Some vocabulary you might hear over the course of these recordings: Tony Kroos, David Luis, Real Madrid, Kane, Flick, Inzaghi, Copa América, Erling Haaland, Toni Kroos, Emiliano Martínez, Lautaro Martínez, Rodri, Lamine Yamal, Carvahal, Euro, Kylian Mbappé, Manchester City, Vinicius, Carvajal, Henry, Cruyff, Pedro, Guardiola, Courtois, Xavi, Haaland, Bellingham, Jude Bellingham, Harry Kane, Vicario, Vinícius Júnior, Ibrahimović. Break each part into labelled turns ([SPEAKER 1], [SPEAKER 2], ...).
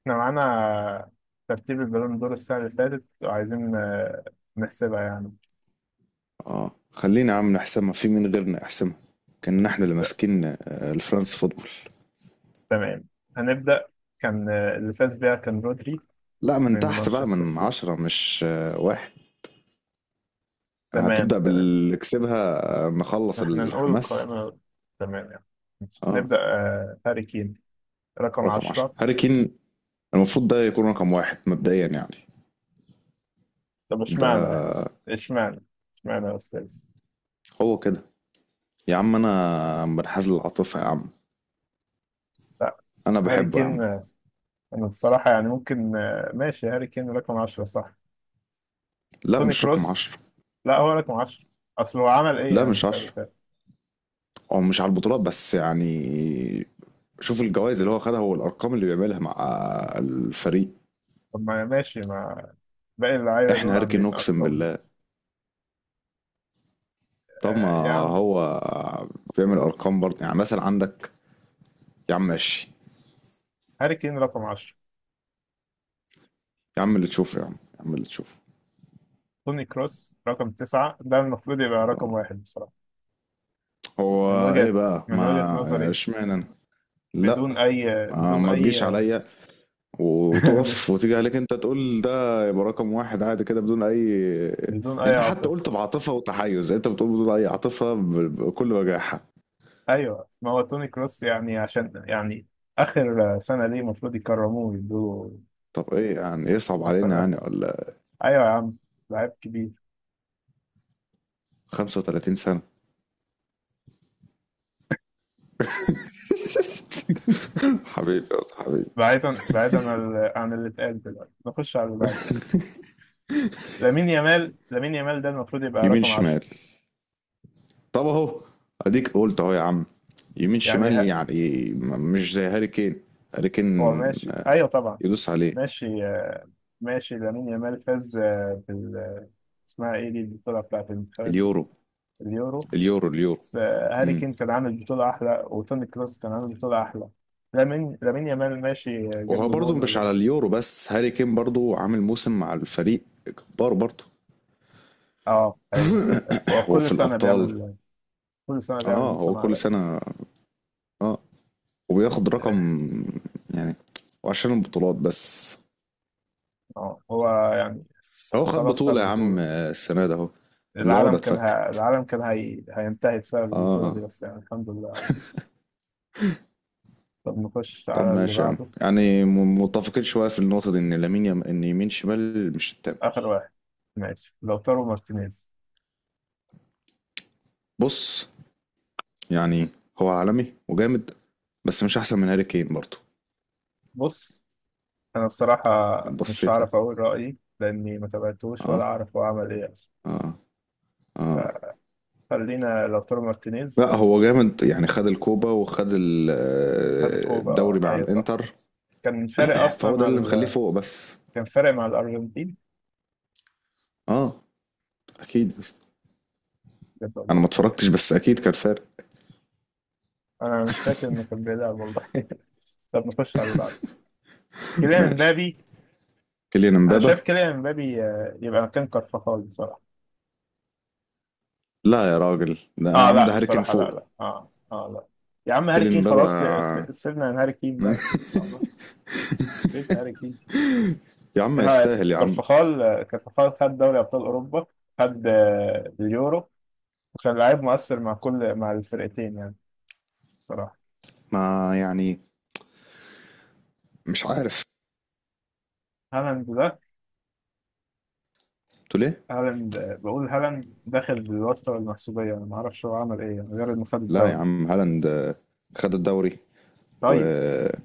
[SPEAKER 1] احنا معانا ترتيب البالون دور السنة اللي فاتت وعايزين نحسبها يعني
[SPEAKER 2] اه، خلينا يا عم نحسمها. في مين غيرنا يحسمها؟ كنا احنا اللي
[SPEAKER 1] ت-
[SPEAKER 2] ماسكين الفرنس فوتبول.
[SPEAKER 1] تمام. هنبدأ. كان اللي فاز بيها كان رودري
[SPEAKER 2] لا، من
[SPEAKER 1] من
[SPEAKER 2] تحت بقى،
[SPEAKER 1] مانشستر
[SPEAKER 2] من
[SPEAKER 1] سيتي.
[SPEAKER 2] عشرة مش واحد. يعني
[SPEAKER 1] تمام
[SPEAKER 2] هتبدأ
[SPEAKER 1] تمام.
[SPEAKER 2] باللي كسبها نخلص
[SPEAKER 1] احنا نقول
[SPEAKER 2] الحماس.
[SPEAKER 1] القائمة تمام يعني. ماشي.
[SPEAKER 2] اه،
[SPEAKER 1] نبدأ هاري كين رقم
[SPEAKER 2] رقم عشرة
[SPEAKER 1] عشرة؟
[SPEAKER 2] هاري كين، المفروض ده يكون رقم واحد مبدئيا يعني.
[SPEAKER 1] طب
[SPEAKER 2] ده
[SPEAKER 1] اشمعنى يعني؟ اشمعنى؟ اشمعنى يا أستاذ؟
[SPEAKER 2] هو كده. يا عم انا منحاز للعاطفة يا عم،
[SPEAKER 1] لا.
[SPEAKER 2] انا
[SPEAKER 1] هاري
[SPEAKER 2] بحبه يا
[SPEAKER 1] كين
[SPEAKER 2] عم.
[SPEAKER 1] أنا الصراحة يعني ممكن ماشي، هاري كين رقم عشرة صح.
[SPEAKER 2] لا
[SPEAKER 1] توني
[SPEAKER 2] مش رقم
[SPEAKER 1] كروس
[SPEAKER 2] عشرة.
[SPEAKER 1] لا هو رقم عشرة. أصل هو عمل إيه
[SPEAKER 2] لا
[SPEAKER 1] يعني
[SPEAKER 2] مش
[SPEAKER 1] السنة؟
[SPEAKER 2] عشرة، هو مش على البطولات بس يعني. شوف الجوائز اللي هو خدها والارقام اللي بيعملها مع الفريق.
[SPEAKER 1] طب ما ماشي، ما باقي اللعيبة
[SPEAKER 2] احنا
[SPEAKER 1] دول
[SPEAKER 2] هركن
[SPEAKER 1] عاملين
[SPEAKER 2] اقسم
[SPEAKER 1] أرقام.
[SPEAKER 2] بالله. طب ما
[SPEAKER 1] آه يا عم،
[SPEAKER 2] هو بيعمل ارقام برضه. يعني مثلا عندك، يا عم ماشي،
[SPEAKER 1] هاري كين رقم 10،
[SPEAKER 2] يا عم اللي تشوفه يا عم، يا عم اللي تشوفه.
[SPEAKER 1] توني كروس رقم 9، ده المفروض يبقى رقم
[SPEAKER 2] آه.
[SPEAKER 1] واحد بصراحة.
[SPEAKER 2] هو
[SPEAKER 1] من
[SPEAKER 2] ايه
[SPEAKER 1] وجهة،
[SPEAKER 2] بقى؟
[SPEAKER 1] من وجهة
[SPEAKER 2] ما
[SPEAKER 1] نظري،
[SPEAKER 2] اشمعنى انا؟ لا،
[SPEAKER 1] بدون أي،
[SPEAKER 2] ما,
[SPEAKER 1] بدون
[SPEAKER 2] ما
[SPEAKER 1] أي
[SPEAKER 2] تجيش عليا وتقف وتيجي عليك انت تقول ده يبقى رقم واحد عادي كده بدون اي.
[SPEAKER 1] بدون أي
[SPEAKER 2] يعني انا حتى
[SPEAKER 1] عاطفة.
[SPEAKER 2] قلت بعاطفه وتحيز، انت بتقول بدون اي عاطفه بكل وجاحه.
[SPEAKER 1] أيوه، ما هو توني كروس يعني عشان يعني آخر سنة ليه، المفروض يكرموه ويدوه
[SPEAKER 2] طب ايه يعني، يصعب
[SPEAKER 1] أحسن
[SPEAKER 2] علينا يعني
[SPEAKER 1] رقم.
[SPEAKER 2] ولا؟
[SPEAKER 1] أيوه يا عم، لعيب كبير.
[SPEAKER 2] 35 سنه. حبيبي يا حبيبي.
[SPEAKER 1] بعيدا بعيدا عن عن اللي اتقال دلوقتي، نخش على اللي بعده. لامين يامال، لامين يامال ده المفروض يبقى
[SPEAKER 2] يمين
[SPEAKER 1] رقم 10.
[SPEAKER 2] شمال. طب اهو، اديك قلت اهو يا عم. يمين
[SPEAKER 1] يعني
[SPEAKER 2] شمال، يعني مش زي هاري كين. هاري
[SPEAKER 1] هو
[SPEAKER 2] كين
[SPEAKER 1] ماشي، ايوه طبعا.
[SPEAKER 2] يدوس عليه.
[SPEAKER 1] ماشي ماشي لامين يامال فاز بال اسمها ايه دي البطوله بتاعت المنتخبات دي؟
[SPEAKER 2] اليورو،
[SPEAKER 1] اليورو.
[SPEAKER 2] اليورو، اليورو.
[SPEAKER 1] بس هاري
[SPEAKER 2] امم
[SPEAKER 1] كين كان عامل بطوله احلى، وتوني كروس كان عامل بطوله احلى. لامين، لامين يامال ماشي جاب
[SPEAKER 2] وهو
[SPEAKER 1] له
[SPEAKER 2] برضه
[SPEAKER 1] جون
[SPEAKER 2] مش
[SPEAKER 1] ولا
[SPEAKER 2] على
[SPEAKER 1] جون.
[SPEAKER 2] اليورو بس، هاري كين برضه عامل موسم مع الفريق جبار برضه.
[SPEAKER 1] اه ايوه. أيوة، هو
[SPEAKER 2] هو
[SPEAKER 1] كل
[SPEAKER 2] في
[SPEAKER 1] سنه
[SPEAKER 2] الابطال.
[SPEAKER 1] بيعمل، كل سنه بيعمل
[SPEAKER 2] اه، هو
[SPEAKER 1] موسم
[SPEAKER 2] كل
[SPEAKER 1] عالمي.
[SPEAKER 2] سنه. اه، وبياخد
[SPEAKER 1] اه
[SPEAKER 2] رقم يعني. وعشان البطولات بس؟
[SPEAKER 1] هو يعني
[SPEAKER 2] هو خد
[SPEAKER 1] خلاص، خد
[SPEAKER 2] بطوله يا عم
[SPEAKER 1] بطوله.
[SPEAKER 2] السنه ده اهو. العقده
[SPEAKER 1] العالم كان
[SPEAKER 2] اتفكت.
[SPEAKER 1] العالم كان هينتهي بسبب البطوله
[SPEAKER 2] اه.
[SPEAKER 1] دي، بس يعني الحمد لله. طب نخش
[SPEAKER 2] طب
[SPEAKER 1] على اللي
[SPEAKER 2] ماشي يا عم،
[SPEAKER 1] بعده.
[SPEAKER 2] يعني متفقين شويه في النقطه دي، ان ان يمين شمال مش التام.
[SPEAKER 1] آخر واحد، ماشي، لوتارو مارتينيز.
[SPEAKER 2] بص، يعني هو عالمي وجامد، بس مش احسن من هاري كين برضه.
[SPEAKER 1] بص، أنا بصراحة مش
[SPEAKER 2] بصيت يعني.
[SPEAKER 1] هعرف أقول رأيي لأني ما تابعتوش ولا
[SPEAKER 2] اه،
[SPEAKER 1] أعرف هو عمل إيه أصلا،
[SPEAKER 2] اه، اه.
[SPEAKER 1] فخلينا لوتارو مارتينيز.
[SPEAKER 2] لا هو جامد، يعني خد الكوبا وخد
[SPEAKER 1] خد الكوبا
[SPEAKER 2] الدوري مع
[SPEAKER 1] أيوه صح.
[SPEAKER 2] الانتر.
[SPEAKER 1] كان فارق أصلا
[SPEAKER 2] فهو ده
[SPEAKER 1] مع
[SPEAKER 2] اللي مخليه فوق بس.
[SPEAKER 1] كان فارق مع الأرجنتين
[SPEAKER 2] اه، اكيد يا اسطى.
[SPEAKER 1] بجد
[SPEAKER 2] انا
[SPEAKER 1] والله.
[SPEAKER 2] ما اتفرجتش بس اكيد كان فارق.
[SPEAKER 1] أنا مش فاكر إنه كان بيلعب والله. طب نخش على اللي بعده، كيليان
[SPEAKER 2] ماشي.
[SPEAKER 1] امبابي.
[SPEAKER 2] كيليان
[SPEAKER 1] أنا شايف
[SPEAKER 2] امبابا.
[SPEAKER 1] كيليان امبابي يبقى مكان كارفاخال بصراحة.
[SPEAKER 2] لا يا راجل، ده يا
[SPEAKER 1] آه
[SPEAKER 2] عم
[SPEAKER 1] لا
[SPEAKER 2] ده هاري كين
[SPEAKER 1] بصراحة، لا
[SPEAKER 2] فوق.
[SPEAKER 1] لا آه آه لا، يا عم هاري
[SPEAKER 2] كيليان
[SPEAKER 1] كين خلاص،
[SPEAKER 2] امبابا.
[SPEAKER 1] سيبنا من هاري كين بقى. لا، بيت هاري كين.
[SPEAKER 2] يا عم
[SPEAKER 1] ها،
[SPEAKER 2] يستاهل يا عم.
[SPEAKER 1] كارفخال، كارفخال خد دوري ابطال اوروبا، خد اليورو، وكان لاعب مؤثر مع كل، مع الفرقتين يعني بصراحه.
[SPEAKER 2] ما يعني، مش عارف.
[SPEAKER 1] هالاند ده،
[SPEAKER 2] قلت ليه؟
[SPEAKER 1] هالاند بقول هالاند داخل بالواسطه والمحسوبيه، انا ما اعرفش هو عمل ايه يعني غير انه خد
[SPEAKER 2] لا يا
[SPEAKER 1] الدوري.
[SPEAKER 2] عم، هالاند خد الدوري
[SPEAKER 1] طيب
[SPEAKER 2] وكان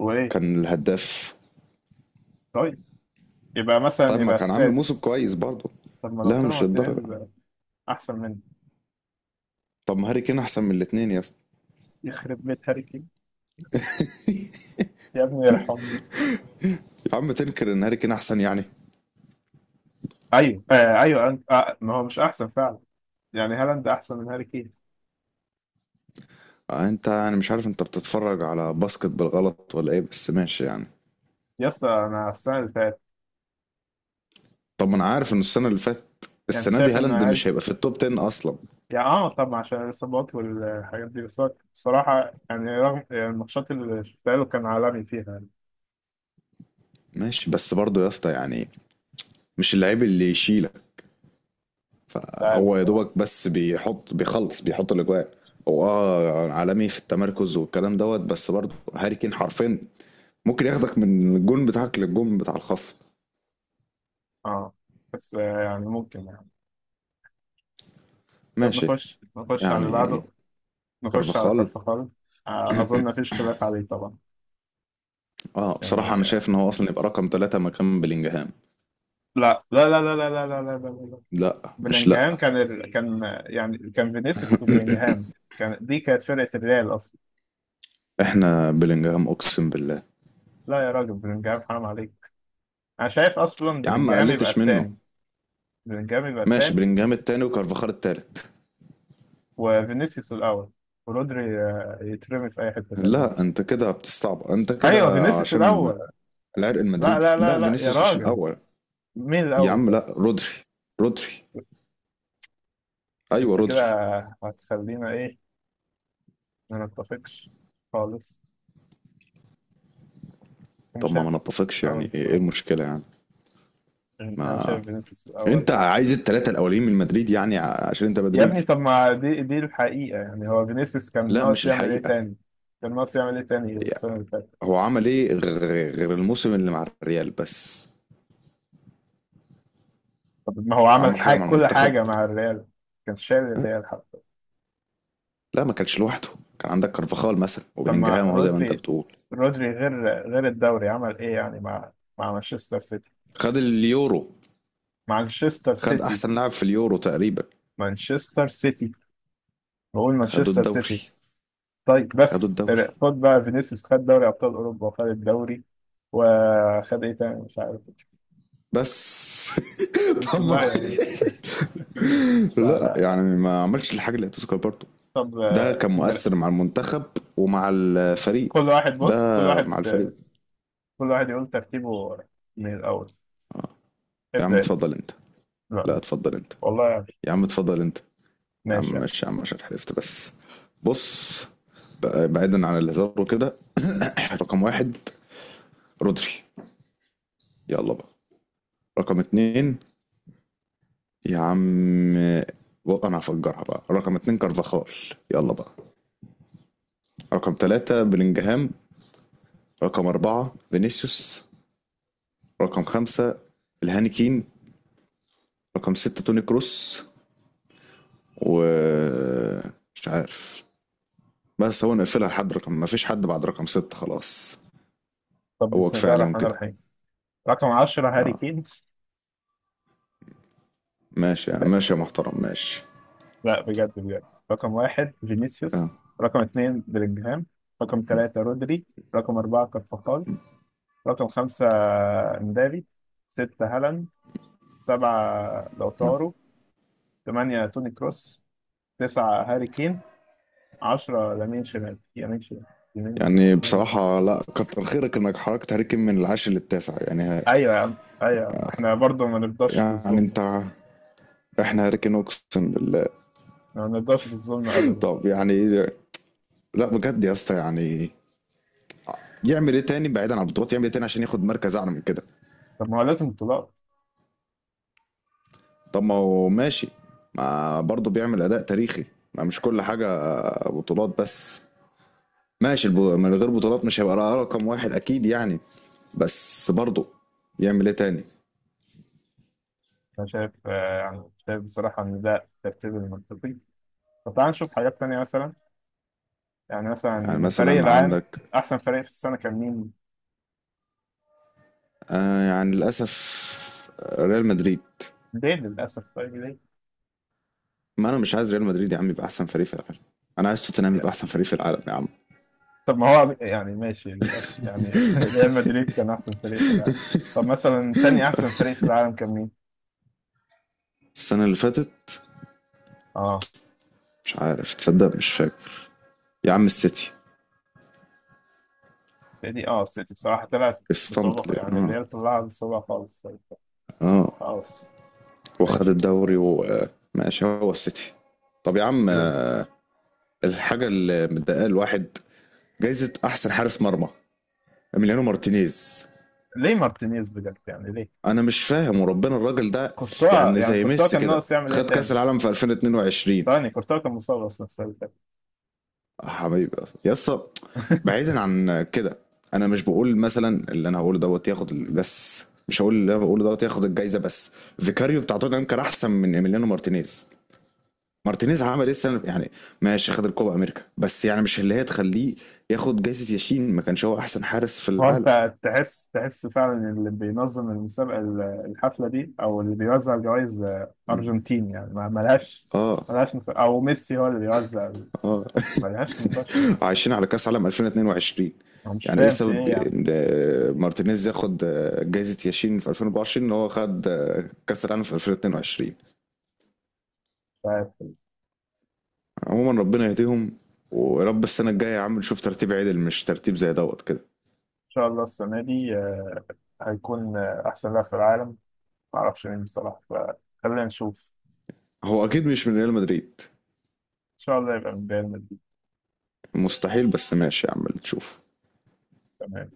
[SPEAKER 1] وايه؟
[SPEAKER 2] الهداف.
[SPEAKER 1] طيب، يبقى مثلا
[SPEAKER 2] طب ما
[SPEAKER 1] يبقى
[SPEAKER 2] كان عامل موسم
[SPEAKER 1] السادس.
[SPEAKER 2] كويس برضه.
[SPEAKER 1] طب ما لو
[SPEAKER 2] لا
[SPEAKER 1] طلع
[SPEAKER 2] مش
[SPEAKER 1] مارتينيز
[SPEAKER 2] للدرجة.
[SPEAKER 1] ده احسن منه،
[SPEAKER 2] طب ما هاري كين احسن من الاتنين يا اسطى.
[SPEAKER 1] يخرب بيت هاري كين. يا ابني يرحمني.
[SPEAKER 2] يا عم تنكر ان هاري كين احسن يعني؟
[SPEAKER 1] ايوه آه، ايوه أنت آه، ما هو مش احسن فعلا. يعني هالاند احسن من هاري كين.
[SPEAKER 2] انت، انا مش عارف انت بتتفرج على باسكت بالغلط ولا ايه، بس ماشي يعني.
[SPEAKER 1] يا اسطى انا السنه اللي فاتت،
[SPEAKER 2] طب ما انا عارف ان السنة اللي فاتت،
[SPEAKER 1] يعني انت
[SPEAKER 2] السنة دي
[SPEAKER 1] شايف ان
[SPEAKER 2] هالاند
[SPEAKER 1] هاري،
[SPEAKER 2] مش هيبقى في التوب 10 اصلا.
[SPEAKER 1] يعني اه طبعا عشان الاصابات والحاجات دي، بس هو بصراحه يعني رغم يعني الماتشات اللي شفتها له كان عالمي فيها يعني.
[SPEAKER 2] ماشي بس برضه يا اسطى يعني، مش اللعيب اللي يشيلك.
[SPEAKER 1] مش عارف
[SPEAKER 2] فهو يا
[SPEAKER 1] بصراحة.
[SPEAKER 2] دوبك بس بيحط، بيخلص، بيحط الاجواء. هو اه عالمي في التمركز والكلام دوت، بس برضه هاري كين حرفين. ممكن ياخدك من الجون بتاعك للجون بتاع الخصم.
[SPEAKER 1] اه، بس يعني ممكن يعني. طب
[SPEAKER 2] ماشي
[SPEAKER 1] نخش على اللي
[SPEAKER 2] يعني.
[SPEAKER 1] بعده، نخش على
[SPEAKER 2] كارفاخال،
[SPEAKER 1] كارفخال اظن مفيش خلاف عليه طبعا.
[SPEAKER 2] اه بصراحة
[SPEAKER 1] يعني
[SPEAKER 2] أنا شايف إن هو أصلا يبقى رقم ثلاثة مكان بلينجهام.
[SPEAKER 1] لا لا لا لا لا لا لا لا لا لا،
[SPEAKER 2] لا مش لا.
[SPEAKER 1] بلينجهام كان كان يعني كان فينيسيوس وبلينجهام، كان دي كانت فرقة الريال اصلا.
[SPEAKER 2] إحنا بلينجهام أقسم بالله.
[SPEAKER 1] لا يا راجل، بلينجهام حرام عليك. انا شايف اصلا
[SPEAKER 2] يا عم ما
[SPEAKER 1] بلينجهام يبقى
[SPEAKER 2] قلتش منه.
[SPEAKER 1] التاني، بلينجهام يبقى
[SPEAKER 2] ماشي،
[SPEAKER 1] التاني،
[SPEAKER 2] بلينجهام التاني وكارفاخال التالت.
[SPEAKER 1] وفينيسيوس الأول، ورودري يترمي في أي حتة تانية
[SPEAKER 2] لا
[SPEAKER 1] مش
[SPEAKER 2] أنت
[SPEAKER 1] عارف.
[SPEAKER 2] كده بتستعبط، أنت
[SPEAKER 1] أيوه
[SPEAKER 2] كده
[SPEAKER 1] فينيسيوس
[SPEAKER 2] عشان
[SPEAKER 1] الأول.
[SPEAKER 2] العرق
[SPEAKER 1] لا
[SPEAKER 2] المدريدي.
[SPEAKER 1] لا لا
[SPEAKER 2] لا
[SPEAKER 1] لا يا
[SPEAKER 2] فينيسيوس مش
[SPEAKER 1] راجل،
[SPEAKER 2] الأول.
[SPEAKER 1] مين
[SPEAKER 2] يا
[SPEAKER 1] الأول
[SPEAKER 2] عم
[SPEAKER 1] طيب؟
[SPEAKER 2] لا، رودري، رودري. ايوه
[SPEAKER 1] أنت كده
[SPEAKER 2] رودري.
[SPEAKER 1] هتخلينا إيه، ما نتفقش خالص. أنا
[SPEAKER 2] طب ما
[SPEAKER 1] شايف
[SPEAKER 2] ما نتفقش
[SPEAKER 1] الأول
[SPEAKER 2] يعني، ايه إيه
[SPEAKER 1] بصراحة،
[SPEAKER 2] المشكله يعني؟
[SPEAKER 1] أنا
[SPEAKER 2] ما
[SPEAKER 1] شايف فينيسيوس الأول.
[SPEAKER 2] انت عايز الثلاثه الاولين من مدريد، يعني عشان انت
[SPEAKER 1] يا ابني
[SPEAKER 2] مدريدي.
[SPEAKER 1] طب ما دي، دي الحقيقة يعني. هو فينيسيوس كان
[SPEAKER 2] لا
[SPEAKER 1] ناقص
[SPEAKER 2] مش
[SPEAKER 1] يعمل إيه
[SPEAKER 2] الحقيقه.
[SPEAKER 1] تاني؟ كان ناقص يعمل إيه تاني السنة
[SPEAKER 2] يعني
[SPEAKER 1] اللي فاتت؟
[SPEAKER 2] هو عمل ايه غير الموسم اللي مع الريال بس؟
[SPEAKER 1] طب ما هو عمل
[SPEAKER 2] عمل حاجه
[SPEAKER 1] حاجة،
[SPEAKER 2] مع
[SPEAKER 1] كل
[SPEAKER 2] المنتخب؟
[SPEAKER 1] حاجة مع الريال، كان شايل الريال حتى.
[SPEAKER 2] لا ما كانش لوحده، كان عندك كارفاخال مثلا
[SPEAKER 1] طب ما
[SPEAKER 2] وبلينجهام اهو، زي ما انت
[SPEAKER 1] رودري،
[SPEAKER 2] بتقول.
[SPEAKER 1] رودري غير، غير الدوري عمل ايه يعني مع، مع مانشستر سيتي،
[SPEAKER 2] خد اليورو،
[SPEAKER 1] مانشستر
[SPEAKER 2] خد
[SPEAKER 1] سيتي،
[SPEAKER 2] احسن لاعب في اليورو تقريبا.
[SPEAKER 1] مانشستر سيتي. بقول
[SPEAKER 2] خدوا
[SPEAKER 1] مانشستر
[SPEAKER 2] الدوري،
[SPEAKER 1] سيتي. طيب
[SPEAKER 2] خدوا
[SPEAKER 1] بس
[SPEAKER 2] الدوري
[SPEAKER 1] خد بقى فينيسيوس، خد دوري ابطال اوروبا وخد الدوري، وخد ايه تاني مش عارف.
[SPEAKER 2] بس.
[SPEAKER 1] بس
[SPEAKER 2] طب
[SPEAKER 1] لا يا راجل لا
[SPEAKER 2] لا
[SPEAKER 1] لا لا.
[SPEAKER 2] يعني ما عملش الحاجة اللي هتذكر برضه.
[SPEAKER 1] طب
[SPEAKER 2] ده كان مؤثر مع المنتخب ومع الفريق.
[SPEAKER 1] كل واحد بص، كل
[SPEAKER 2] ده
[SPEAKER 1] واحد
[SPEAKER 2] مع الفريق.
[SPEAKER 1] كل واحد يقول ترتيبه من الاول.
[SPEAKER 2] اه. يا عم
[SPEAKER 1] ابدا انت.
[SPEAKER 2] اتفضل انت. لا
[SPEAKER 1] لا.
[SPEAKER 2] اتفضل انت.
[SPEAKER 1] والله يعني.
[SPEAKER 2] يا عم اتفضل انت. يا
[SPEAKER 1] ماشي
[SPEAKER 2] عم
[SPEAKER 1] يعني.
[SPEAKER 2] ماشي يا عم، عشان حلفت بس. بص، بعيدا عن الهزار وكده. رقم واحد رودري، يلا بقى. رقم اتنين يا عم انا هفجرها بقى، رقم اتنين كارفاخال. يلا بقى. رقم ثلاثة بلينجهام. رقم أربعة فينيسيوس. رقم خمسة الهانيكين. رقم ستة توني كروس. و مش عارف، بس هو نقفلها لحد رقم، ما فيش حد بعد رقم ستة خلاص.
[SPEAKER 1] طب
[SPEAKER 2] هو
[SPEAKER 1] بسم
[SPEAKER 2] كفاية
[SPEAKER 1] الله
[SPEAKER 2] عليهم
[SPEAKER 1] الرحمن
[SPEAKER 2] كده.
[SPEAKER 1] الرحيم، رقم 10 هاري
[SPEAKER 2] اه،
[SPEAKER 1] كين.
[SPEAKER 2] ماشي ماشي يا محترم ماشي.
[SPEAKER 1] لا بجد بجد، رقم واحد
[SPEAKER 2] اه،
[SPEAKER 1] فينيسيوس، رقم اتنين بلينجهام، رقم تلاتة رودري، رقم أربعة كارفاخال، رقم خمسة مبابي، ستة هالاند، سبعة لوتارو، تمانية توني كروس، تسعة هاري كين، عشرة لامين شمال، يمين شمال، يمين
[SPEAKER 2] يعني
[SPEAKER 1] شمال.
[SPEAKER 2] بصراحة لا كتر خيرك انك حركت هاري كين من العاشر للتاسع يعني
[SPEAKER 1] أيوة يا عم، أيوة يا عم، إحنا برضه ما نرضاش
[SPEAKER 2] يعني
[SPEAKER 1] بالظلم،
[SPEAKER 2] انت. احنا هاري كين اقسم بالله.
[SPEAKER 1] ما نرضاش بالظلم أبدا.
[SPEAKER 2] طب يعني، لا بجد يا اسطى يعني، يعمل ايه تاني بعيدا عن البطولات؟ يعمل ايه تاني عشان ياخد مركز اعلى من كده؟
[SPEAKER 1] طب ما هو لازم بطولات.
[SPEAKER 2] طب ما هو ماشي، ما برضه بيعمل اداء تاريخي. ما مش كل حاجه بطولات بس. ماشي، من غير بطولات مش هيبقى رقم واحد اكيد يعني، بس برضه يعمل ايه تاني؟
[SPEAKER 1] أنا شايف يعني شايف بصراحة إن ده الترتيب المنطقي. طب تعال نشوف حاجات تانية مثلا. يعني مثلا
[SPEAKER 2] يعني
[SPEAKER 1] الفريق
[SPEAKER 2] مثلا
[SPEAKER 1] العام،
[SPEAKER 2] عندك،
[SPEAKER 1] احسن فريق في السنه كان مين؟
[SPEAKER 2] آه يعني للاسف ريال مدريد.
[SPEAKER 1] ليل للاسف؟ طيب ليه؟
[SPEAKER 2] ما انا مش عايز ريال مدريد يا عم يبقى احسن فريق في العالم. انا عايز توتنهام
[SPEAKER 1] يعني
[SPEAKER 2] يبقى احسن فريق في العالم يا عم.
[SPEAKER 1] طب ما هو يعني ماشي للاسف يعني ريال مدريد كان احسن فريق في العالم. طب مثلا تاني احسن فريق في العالم كان مين؟
[SPEAKER 2] السنه اللي فاتت،
[SPEAKER 1] اه،
[SPEAKER 2] مش عارف تصدق، مش فاكر. يا عم السيتي.
[SPEAKER 1] دي اه السيتي بصراحه طلعت
[SPEAKER 2] الصمت
[SPEAKER 1] بصعوبه،
[SPEAKER 2] ليه؟
[SPEAKER 1] يعني
[SPEAKER 2] اه
[SPEAKER 1] الريال طلعها بصعوبه خالص. طيب،
[SPEAKER 2] اه.
[SPEAKER 1] خلاص،
[SPEAKER 2] وخد
[SPEAKER 1] ماشي
[SPEAKER 2] الدوري وماشي، هو السيتي. طب يا عم،
[SPEAKER 1] كده.
[SPEAKER 2] الحاجه اللي مضايقه الواحد، جايزه احسن حارس مرمى اميليانو مارتينيز.
[SPEAKER 1] ليه مارتينيز بجد يعني ليه؟
[SPEAKER 2] انا مش فاهم وربنا الراجل ده.
[SPEAKER 1] كورتوا
[SPEAKER 2] يعني
[SPEAKER 1] يعني
[SPEAKER 2] زي
[SPEAKER 1] كورتوا
[SPEAKER 2] ميسي
[SPEAKER 1] كان
[SPEAKER 2] كده،
[SPEAKER 1] ناقص يعمل ايه
[SPEAKER 2] خد كاس
[SPEAKER 1] تاني؟
[SPEAKER 2] العالم في 2022.
[SPEAKER 1] ثواني، كورتوا كان مصاب اصلا السنه اللي فاتت.
[SPEAKER 2] آه حبيبي. يا اسطى، بعيدا عن كده، انا مش بقول مثلا اللي انا هقوله دوت ياخد بس، مش هقول اللي انا بقوله دوت ياخد الجايزه بس. فيكاريو بتاع توتنهام كان احسن من ايميليانو مارتينيز. مارتينيز عمل ايه السنه يعني؟ ماشي خد الكوبا امريكا، بس يعني مش اللي هي تخليه ياخد جائزه ياشين. ما كانش هو احسن حارس في
[SPEAKER 1] هو
[SPEAKER 2] العالم.
[SPEAKER 1] انت تحس، تحس فعلا اللي بينظم المسابقه الحفله دي او اللي بيوزع الجوائز
[SPEAKER 2] مم.
[SPEAKER 1] ارجنتين يعني، ما ملهاش،
[SPEAKER 2] اه
[SPEAKER 1] ملهاش نقاش، او ميسي هو اللي بيوزع،
[SPEAKER 2] اه.
[SPEAKER 1] ملهاش نقاش جدا.
[SPEAKER 2] عايشين على كاس عالم 2022.
[SPEAKER 1] انا مش
[SPEAKER 2] يعني ايه
[SPEAKER 1] فاهم في ايه
[SPEAKER 2] سبب
[SPEAKER 1] يعني.
[SPEAKER 2] ان مارتينيز ياخد جائزه ياشين في 2024، ان هو خد كاس العالم في 2022؟
[SPEAKER 1] فان
[SPEAKER 2] عموما ربنا يهديهم، ويا رب السنه الجايه يا عم نشوف ترتيب عدل مش ترتيب زي دوت كده.
[SPEAKER 1] شاء الله السنه دي هيكون احسن لاعب في العالم، ما اعرفش مين بصراحه، فخلينا نشوف.
[SPEAKER 2] هو اكيد مش من ريال مدريد.
[SPEAKER 1] ان شاء الله يبقى من ريال مدريد.
[SPEAKER 2] مستحيل، بس ماشي يا عم نشوف.
[SPEAKER 1] تمام